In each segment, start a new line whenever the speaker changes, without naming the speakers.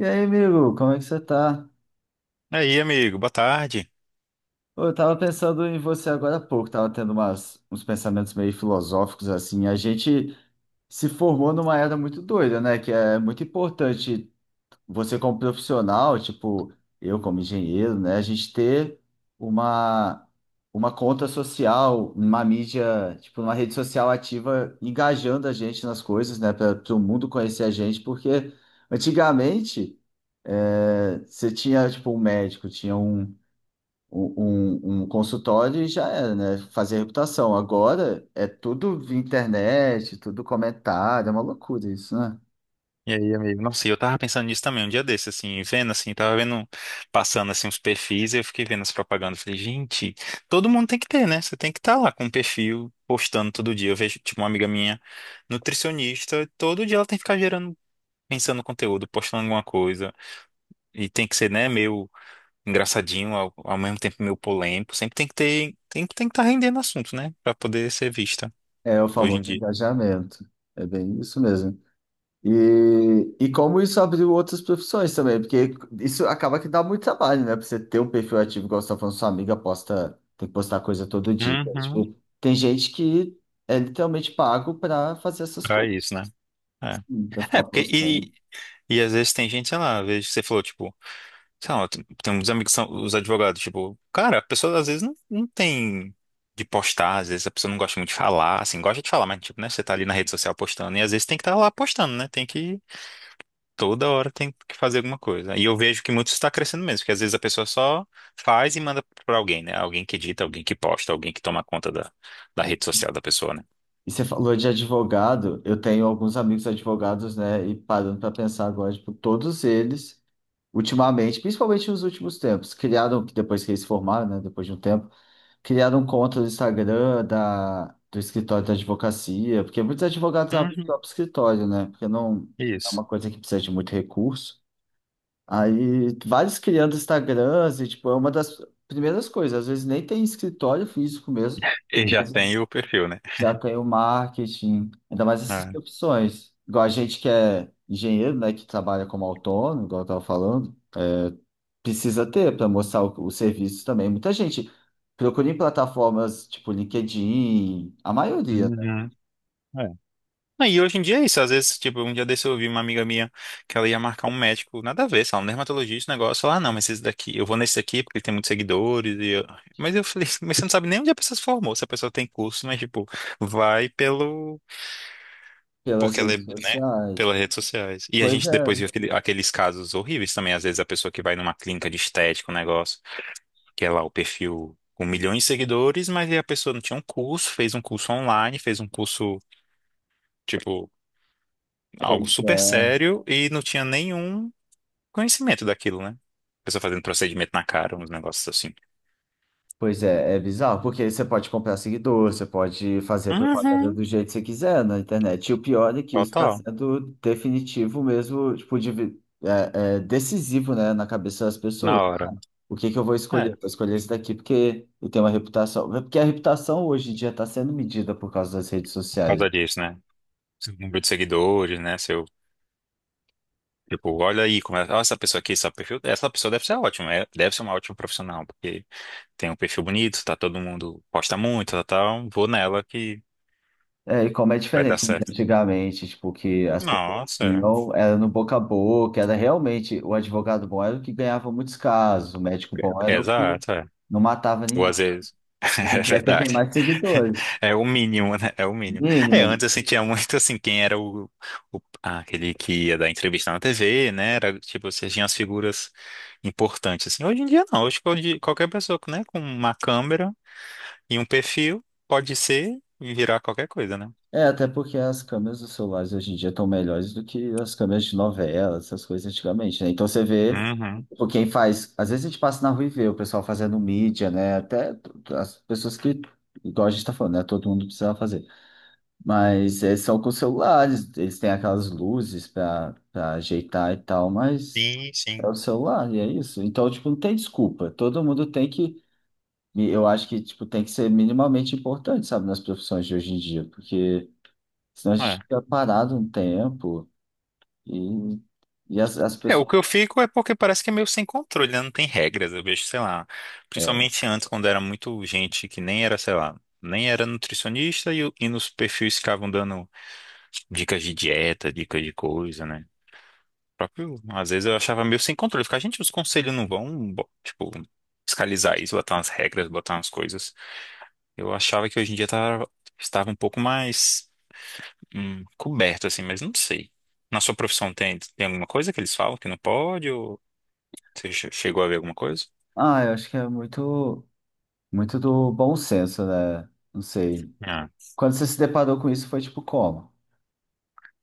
E aí, amigo, como é que você tá?
E aí, amigo, boa tarde.
Ô, eu tava pensando em você agora há pouco, tava tendo uns pensamentos meio filosóficos assim. A gente se formou numa era muito doida, né? Que é muito importante você como profissional, tipo, eu como engenheiro, né? A gente ter uma, uma conta social, uma mídia, tipo, uma rede social ativa, engajando a gente nas coisas, né? Para o mundo conhecer a gente, porque antigamente. É, você tinha, tipo, um médico, tinha um, um consultório e já era, né? Fazer reputação. Agora é tudo via internet, tudo comentário, é uma loucura isso, né?
E aí, amigo? Nossa, e eu tava pensando nisso também um dia desse, assim, vendo assim, passando assim uns perfis e eu fiquei vendo as propagandas. Falei, gente, todo mundo tem que ter, né? Você tem que estar lá com um perfil, postando todo dia. Eu vejo, tipo, uma amiga minha, nutricionista, todo dia ela tem que ficar gerando, pensando conteúdo, postando alguma coisa. E tem que ser, né, meio engraçadinho, ao mesmo tempo meio polêmico. Sempre tem que ter, tem que estar rendendo assunto, né? Pra poder ser vista
É o
hoje em
famoso
dia.
engajamento. É bem isso mesmo. E como isso abriu outras profissões também, porque isso acaba que dá muito trabalho, né? Pra você ter um perfil ativo, igual você tá falando, sua amiga posta, tem que postar coisa todo dia.
Uhum.
Tipo, tem gente que é literalmente pago para fazer essas
Pra
coisas,
isso, né? É,
para
É,
ficar
porque
postando.
e e às vezes tem gente, sei lá, às vezes você falou, tipo, sei lá, tem uns amigos que são os advogados, tipo, cara, a pessoa às vezes não tem de postar, às vezes a pessoa não gosta muito de falar, assim, gosta de falar, mas, tipo, né, você tá ali na rede social postando, e às vezes tem que estar lá postando, né, tem que, toda hora tem que fazer alguma coisa. E eu vejo que muito está crescendo mesmo, porque às vezes a pessoa só faz e manda pra alguém, né, alguém que edita, alguém que posta, alguém que toma conta da rede social da pessoa, né.
E você falou de advogado, eu tenho alguns amigos advogados, né? E parando para pensar agora, tipo, todos eles, ultimamente, principalmente nos últimos tempos, criaram, depois que eles se formaram, né? Depois de um tempo, criaram um conta do Instagram do escritório da advocacia, porque muitos advogados abrem o
Uhum.
próprio escritório, né? Porque não é
Isso.
uma coisa que precisa de muito recurso. Aí, vários criando Instagrams, e, tipo, é uma das primeiras coisas, às vezes nem tem escritório físico mesmo.
E já tem o perfil, né?
Já tem o marketing, ainda mais essas
Ah.
profissões. Igual a gente que é engenheiro, né, que trabalha como autônomo, igual eu estava falando, precisa ter para mostrar o serviço também. Muita gente procura em plataformas tipo LinkedIn, a maioria, né,
Uhum. Ah, e hoje em dia é isso. Às vezes, tipo, um dia desse eu vi uma amiga minha que ela ia marcar um médico, nada a ver, sei lá, um dermatologista, um negócio. Ela, ah, não, mas esse daqui, eu vou nesse daqui porque ele tem muitos seguidores. E eu... Mas eu falei, mas você não sabe nem onde a pessoa se formou, se a pessoa tem curso, mas, tipo, vai pelo.
pelas
Porque ela é,
redes
né?
sociais.
Pelas redes sociais. E a
Pois
gente
é,
depois viu aqueles casos horríveis também. Às vezes a pessoa que vai numa clínica de estética, um negócio, que é lá o perfil com milhões de seguidores, mas aí a pessoa não tinha um curso, fez um curso online, fez um curso. Tipo algo
pois
super
é.
sério e não tinha nenhum conhecimento daquilo, né? Pessoa fazendo procedimento na cara, uns negócios assim.
Pois é, é bizarro, porque você pode comprar seguidor, você pode fazer propaganda
Uhum.
do jeito que você quiser na internet. E o pior é que isso está
Total,
sendo definitivo mesmo, tipo, é, é decisivo, né, na cabeça das
na
pessoas.
hora.
O que que eu vou
É,
escolher? Vou escolher esse daqui porque eu tenho uma reputação. Porque a reputação hoje em dia está sendo medida por causa das redes
por
sociais.
causa disso, né? Seu número de seguidores, né? Seu, tipo, olha aí como é, ó, essa pessoa aqui, esse perfil, essa pessoa deve ser ótima, deve ser uma ótima profissional, porque tem um perfil bonito, tá todo mundo posta muito, tal, tal, vou nela que
É, e como é
vai dar
diferente de
certo.
antigamente, tipo, que as pessoas
Nossa,
tinham, era no boca a boca, era realmente, o advogado bom era o que ganhava muitos casos, o médico bom
é.
era o que
Exato, é.
não matava
Ou
ninguém.
às vezes.
Hoje
É
em dia é quem tem
verdade.
mais seguidores,
É o mínimo, né? É o mínimo. É,
mínimo.
antes eu sentia muito assim, quem era o, ah, aquele que ia dar entrevista na TV, né? Era tipo, você tinha as figuras importantes, assim. Hoje em dia não, hoje qualquer pessoa, né, com uma câmera e um perfil pode ser e virar qualquer coisa, né?
É, até porque as câmeras dos celulares hoje em dia estão melhores do que as câmeras de novela, essas coisas antigamente, né? Então você vê,
Uhum.
tipo, quem faz, às vezes a gente passa na rua e vê o pessoal fazendo mídia, né? As pessoas que, igual a gente tá falando, né? Todo mundo precisava fazer. Mas é só com celulares, eles têm aquelas luzes para ajeitar e tal, mas
Sim,
é
sim.
o celular e é isso. Então, tipo, não tem desculpa. Todo mundo tem que, eu acho que, tipo, tem que ser minimamente importante, sabe, nas profissões de hoje em dia, porque senão a gente fica parado um tempo e, e as
É, o
pessoas.
que eu fico é porque parece que é meio sem controle, né? Não tem regras. Eu vejo, sei lá,
É.
principalmente antes, quando era muito gente que nem era, sei lá, nem era nutricionista e, e nos perfis ficavam dando dicas de dieta, dicas de coisa, né? Próprio, às vezes eu achava meio sem controle. Ficar, gente, os conselhos não vão, tipo, fiscalizar isso, botar umas regras, botar umas coisas. Eu achava que hoje em dia tava, estava um pouco mais coberto, assim, mas não sei. Na sua profissão tem alguma coisa que eles falam que não pode. Chegou a ver alguma coisa?
Ah, eu acho que é muito do bom senso, né? Não sei.
Ah.
Quando você se deparou com isso, foi tipo como?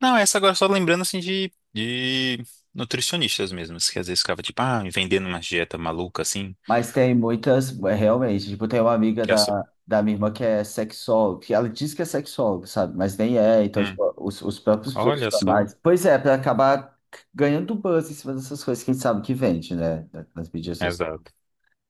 Não, essa agora só lembrando assim de nutricionistas mesmo, que às vezes ficava tipo, ah, vendendo uma dieta maluca assim.
Mas tem muitas, é, realmente, tipo, tem uma amiga
Que é só.
da minha irmã que é sexóloga, que ela diz que é sexóloga, sabe? Mas nem é, então,
Hum,
tipo, os próprios
olha só.
profissionais. Pois é, para acabar ganhando buzz em cima dessas coisas, quem sabe que vende, né? Nas mídias sociais.
Exato.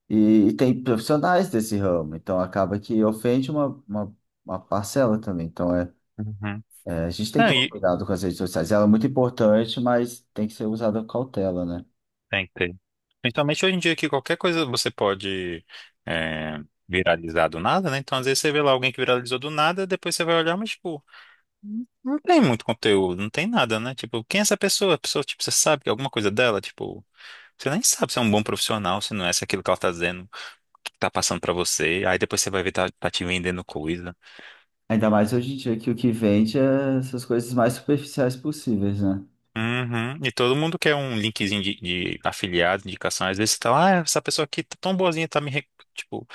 E tem profissionais desse ramo, então acaba que ofende uma parcela também. Então,
Uhum.
é, a gente tem
Não,
que tomar
e
cuidado com as redes sociais. Ela é muito importante, mas tem que ser usada com cautela, né?
tem que ter. Principalmente hoje em dia que qualquer coisa você pode, é, viralizar do nada, né? Então às vezes você vê lá alguém que viralizou do nada, depois você vai olhar, mas tipo, não tem muito conteúdo, não tem nada, né? Tipo, quem é essa pessoa? A pessoa, tipo, você sabe alguma coisa dela, tipo. Você nem sabe se é um bom profissional, se não é, se é aquilo que ela tá dizendo, que tá passando pra você. Aí depois você vai ver tá, tá te vendendo coisa.
Ainda mais hoje em dia que o que vende é essas coisas mais superficiais possíveis, né?
Uhum. E todo mundo quer um linkzinho de afiliado, indicação. Às vezes você tá lá, ah, essa pessoa aqui tá tão boazinha, tipo,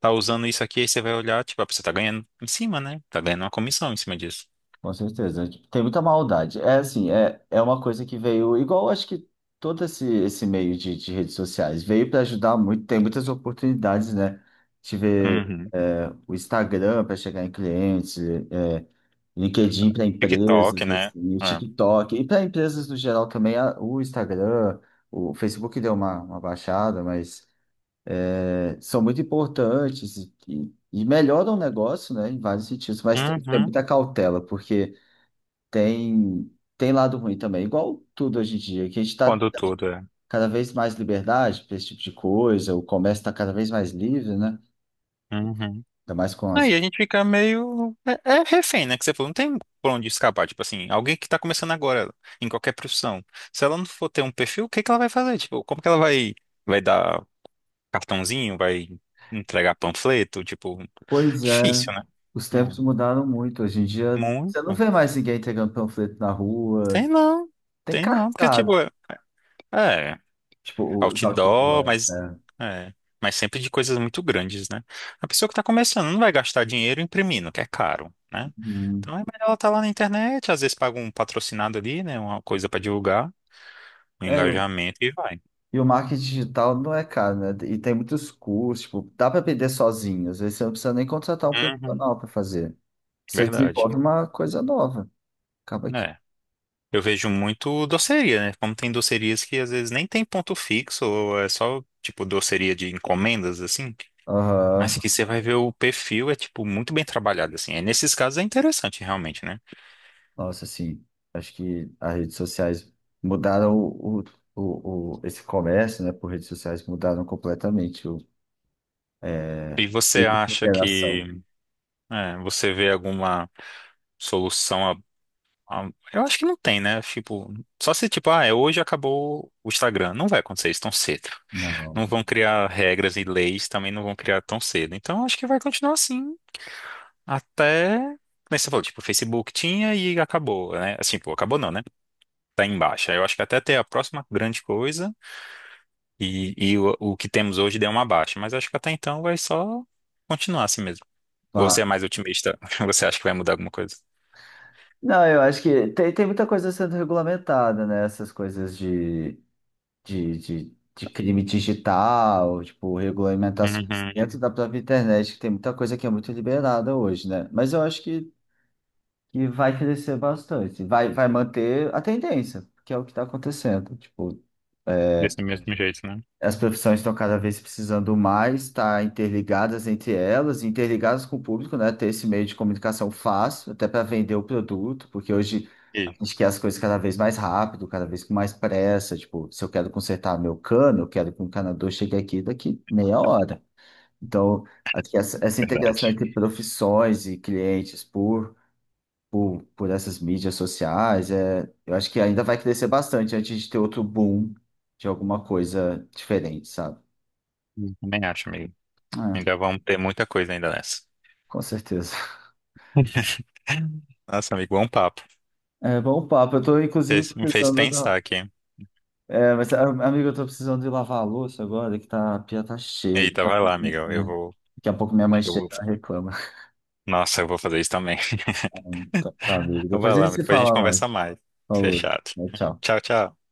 tá usando isso aqui, aí você vai olhar, tipo, a pessoa tá ganhando em cima, né? Tá ganhando uma comissão em cima disso.
Com certeza. Tipo, tem muita maldade. É assim, é uma coisa que veio, igual acho que todo esse meio de redes sociais, veio para ajudar muito, tem muitas oportunidades, né? De
Uhum.
é, o Instagram para chegar em clientes, é, LinkedIn para
TikTok,
empresas,
né?
assim, o
É.
TikTok, e para empresas no geral também, o Instagram, o Facebook deu uma baixada, mas. É, são muito importantes e melhoram o negócio, né, em vários sentidos, mas tem que ter
Uhum.
muita cautela, porque tem, tem lado ruim também, igual tudo hoje em dia, que a gente está
Quando tudo é.
cada vez mais liberdade para esse tipo de coisa, o comércio está cada vez mais livre, né?
Uhum.
Ainda mais com as.
Aí a gente fica meio. É, é refém, né? Que você falou, não tem por onde escapar. Tipo assim, alguém que tá começando agora, em qualquer profissão. Se ela não for ter um perfil, o que que ela vai fazer? Tipo, como que ela vai, vai dar cartãozinho? Vai entregar panfleto? Tipo,
Pois é,
difícil, né?
os
Não.
tempos mudaram muito. Hoje em dia, você não
Muito.
vê mais ninguém entregando panfleto na rua,
Tem não.
tem
Tem não. Porque,
cartaz,
tipo, é.
tipo, os
Outdoor,
outdoors,
mas
né?
é, mas sempre de coisas muito grandes, né? A pessoa que está começando não vai gastar dinheiro imprimindo, que é caro, né?
Uhum.
Então é melhor ela estar lá na internet, às vezes paga um patrocinado ali, né? Uma coisa para divulgar, um
É,
engajamento e vai.
e o marketing digital não é caro, né? E tem muitos cursos, tipo, dá para aprender sozinho. Às vezes você não precisa nem contratar um
Uhum,
profissional para fazer. Você
verdade.
desenvolve uma coisa nova. Acaba aqui.
É. Eu vejo muito doceria, né? Como tem docerias que às vezes nem tem ponto fixo, ou é só tipo doceria de encomendas, assim. Mas
Aham.
que você vai ver o perfil é tipo muito bem trabalhado, assim. Aí, nesses casos é interessante realmente, né?
Nossa, assim, acho que as redes sociais mudaram esse comércio, né? Por redes sociais mudaram completamente o, é,
E
a
você acha que
interação.
é, você vê alguma solução eu acho que não tem, né? Tipo, só se tipo, ah, é hoje acabou o Instagram. Não vai acontecer isso tão cedo.
Não.
Não vão criar regras e leis, também não vão criar tão cedo. Então acho que vai continuar assim até. Como você falou, tipo, o Facebook tinha e acabou, né? Assim, pô, acabou não, né? Tá em baixa. Eu acho que até ter a próxima grande coisa e o que temos hoje deu uma baixa. Mas acho que até então vai só continuar assim mesmo. Ou você
Pá.
é mais otimista? Você acha que vai mudar alguma coisa?
Não, eu acho que tem, tem muita coisa sendo regulamentada, né? Essas coisas de crime digital, tipo, regulamentações dentro
Uhum.
da própria internet, que tem muita coisa que é muito liberada hoje, né? Mas eu acho que vai crescer bastante, vai, vai manter a tendência, que é o que está acontecendo. Tipo,
Desse mesmo jeito, né?
as profissões estão cada vez precisando mais estar interligadas entre elas, interligadas com o público, né? Ter esse meio de comunicação fácil, até para vender o produto, porque hoje a
Ih,
gente quer as coisas cada vez mais rápido, cada vez com mais pressa. Tipo, se eu quero consertar meu cano, eu quero que o encanador chegue aqui daqui meia hora. Então, acho que essa integração
verdade.
entre profissões e clientes por essas mídias sociais, é, eu acho que ainda vai crescer bastante antes de ter outro boom de alguma coisa diferente, sabe?
Também acho, amigo.
É,
Ainda vamos ter muita coisa ainda nessa.
com certeza.
Nossa, amigo, bom papo.
É bom papo. Eu tô, inclusive,
Me fez
precisando da...
pensar aqui.
É, mas, amigo, eu tô precisando de lavar a louça agora, que tá, a pia tá cheia.
Eita,
Daqui a
vai
pouco,
lá, amiga. Eu
é,
vou.
daqui a pouco minha
acho
mãe
que eu
chega
vou-
e reclama.
Nossa, eu vou fazer isso também.
Então, tá, amigo.
Então vai
Depois a
lá,
gente
amigo.
se
Depois a gente
fala mais.
conversa mais.
Falou.
Fechado.
Tchau.
Tchau, tchau.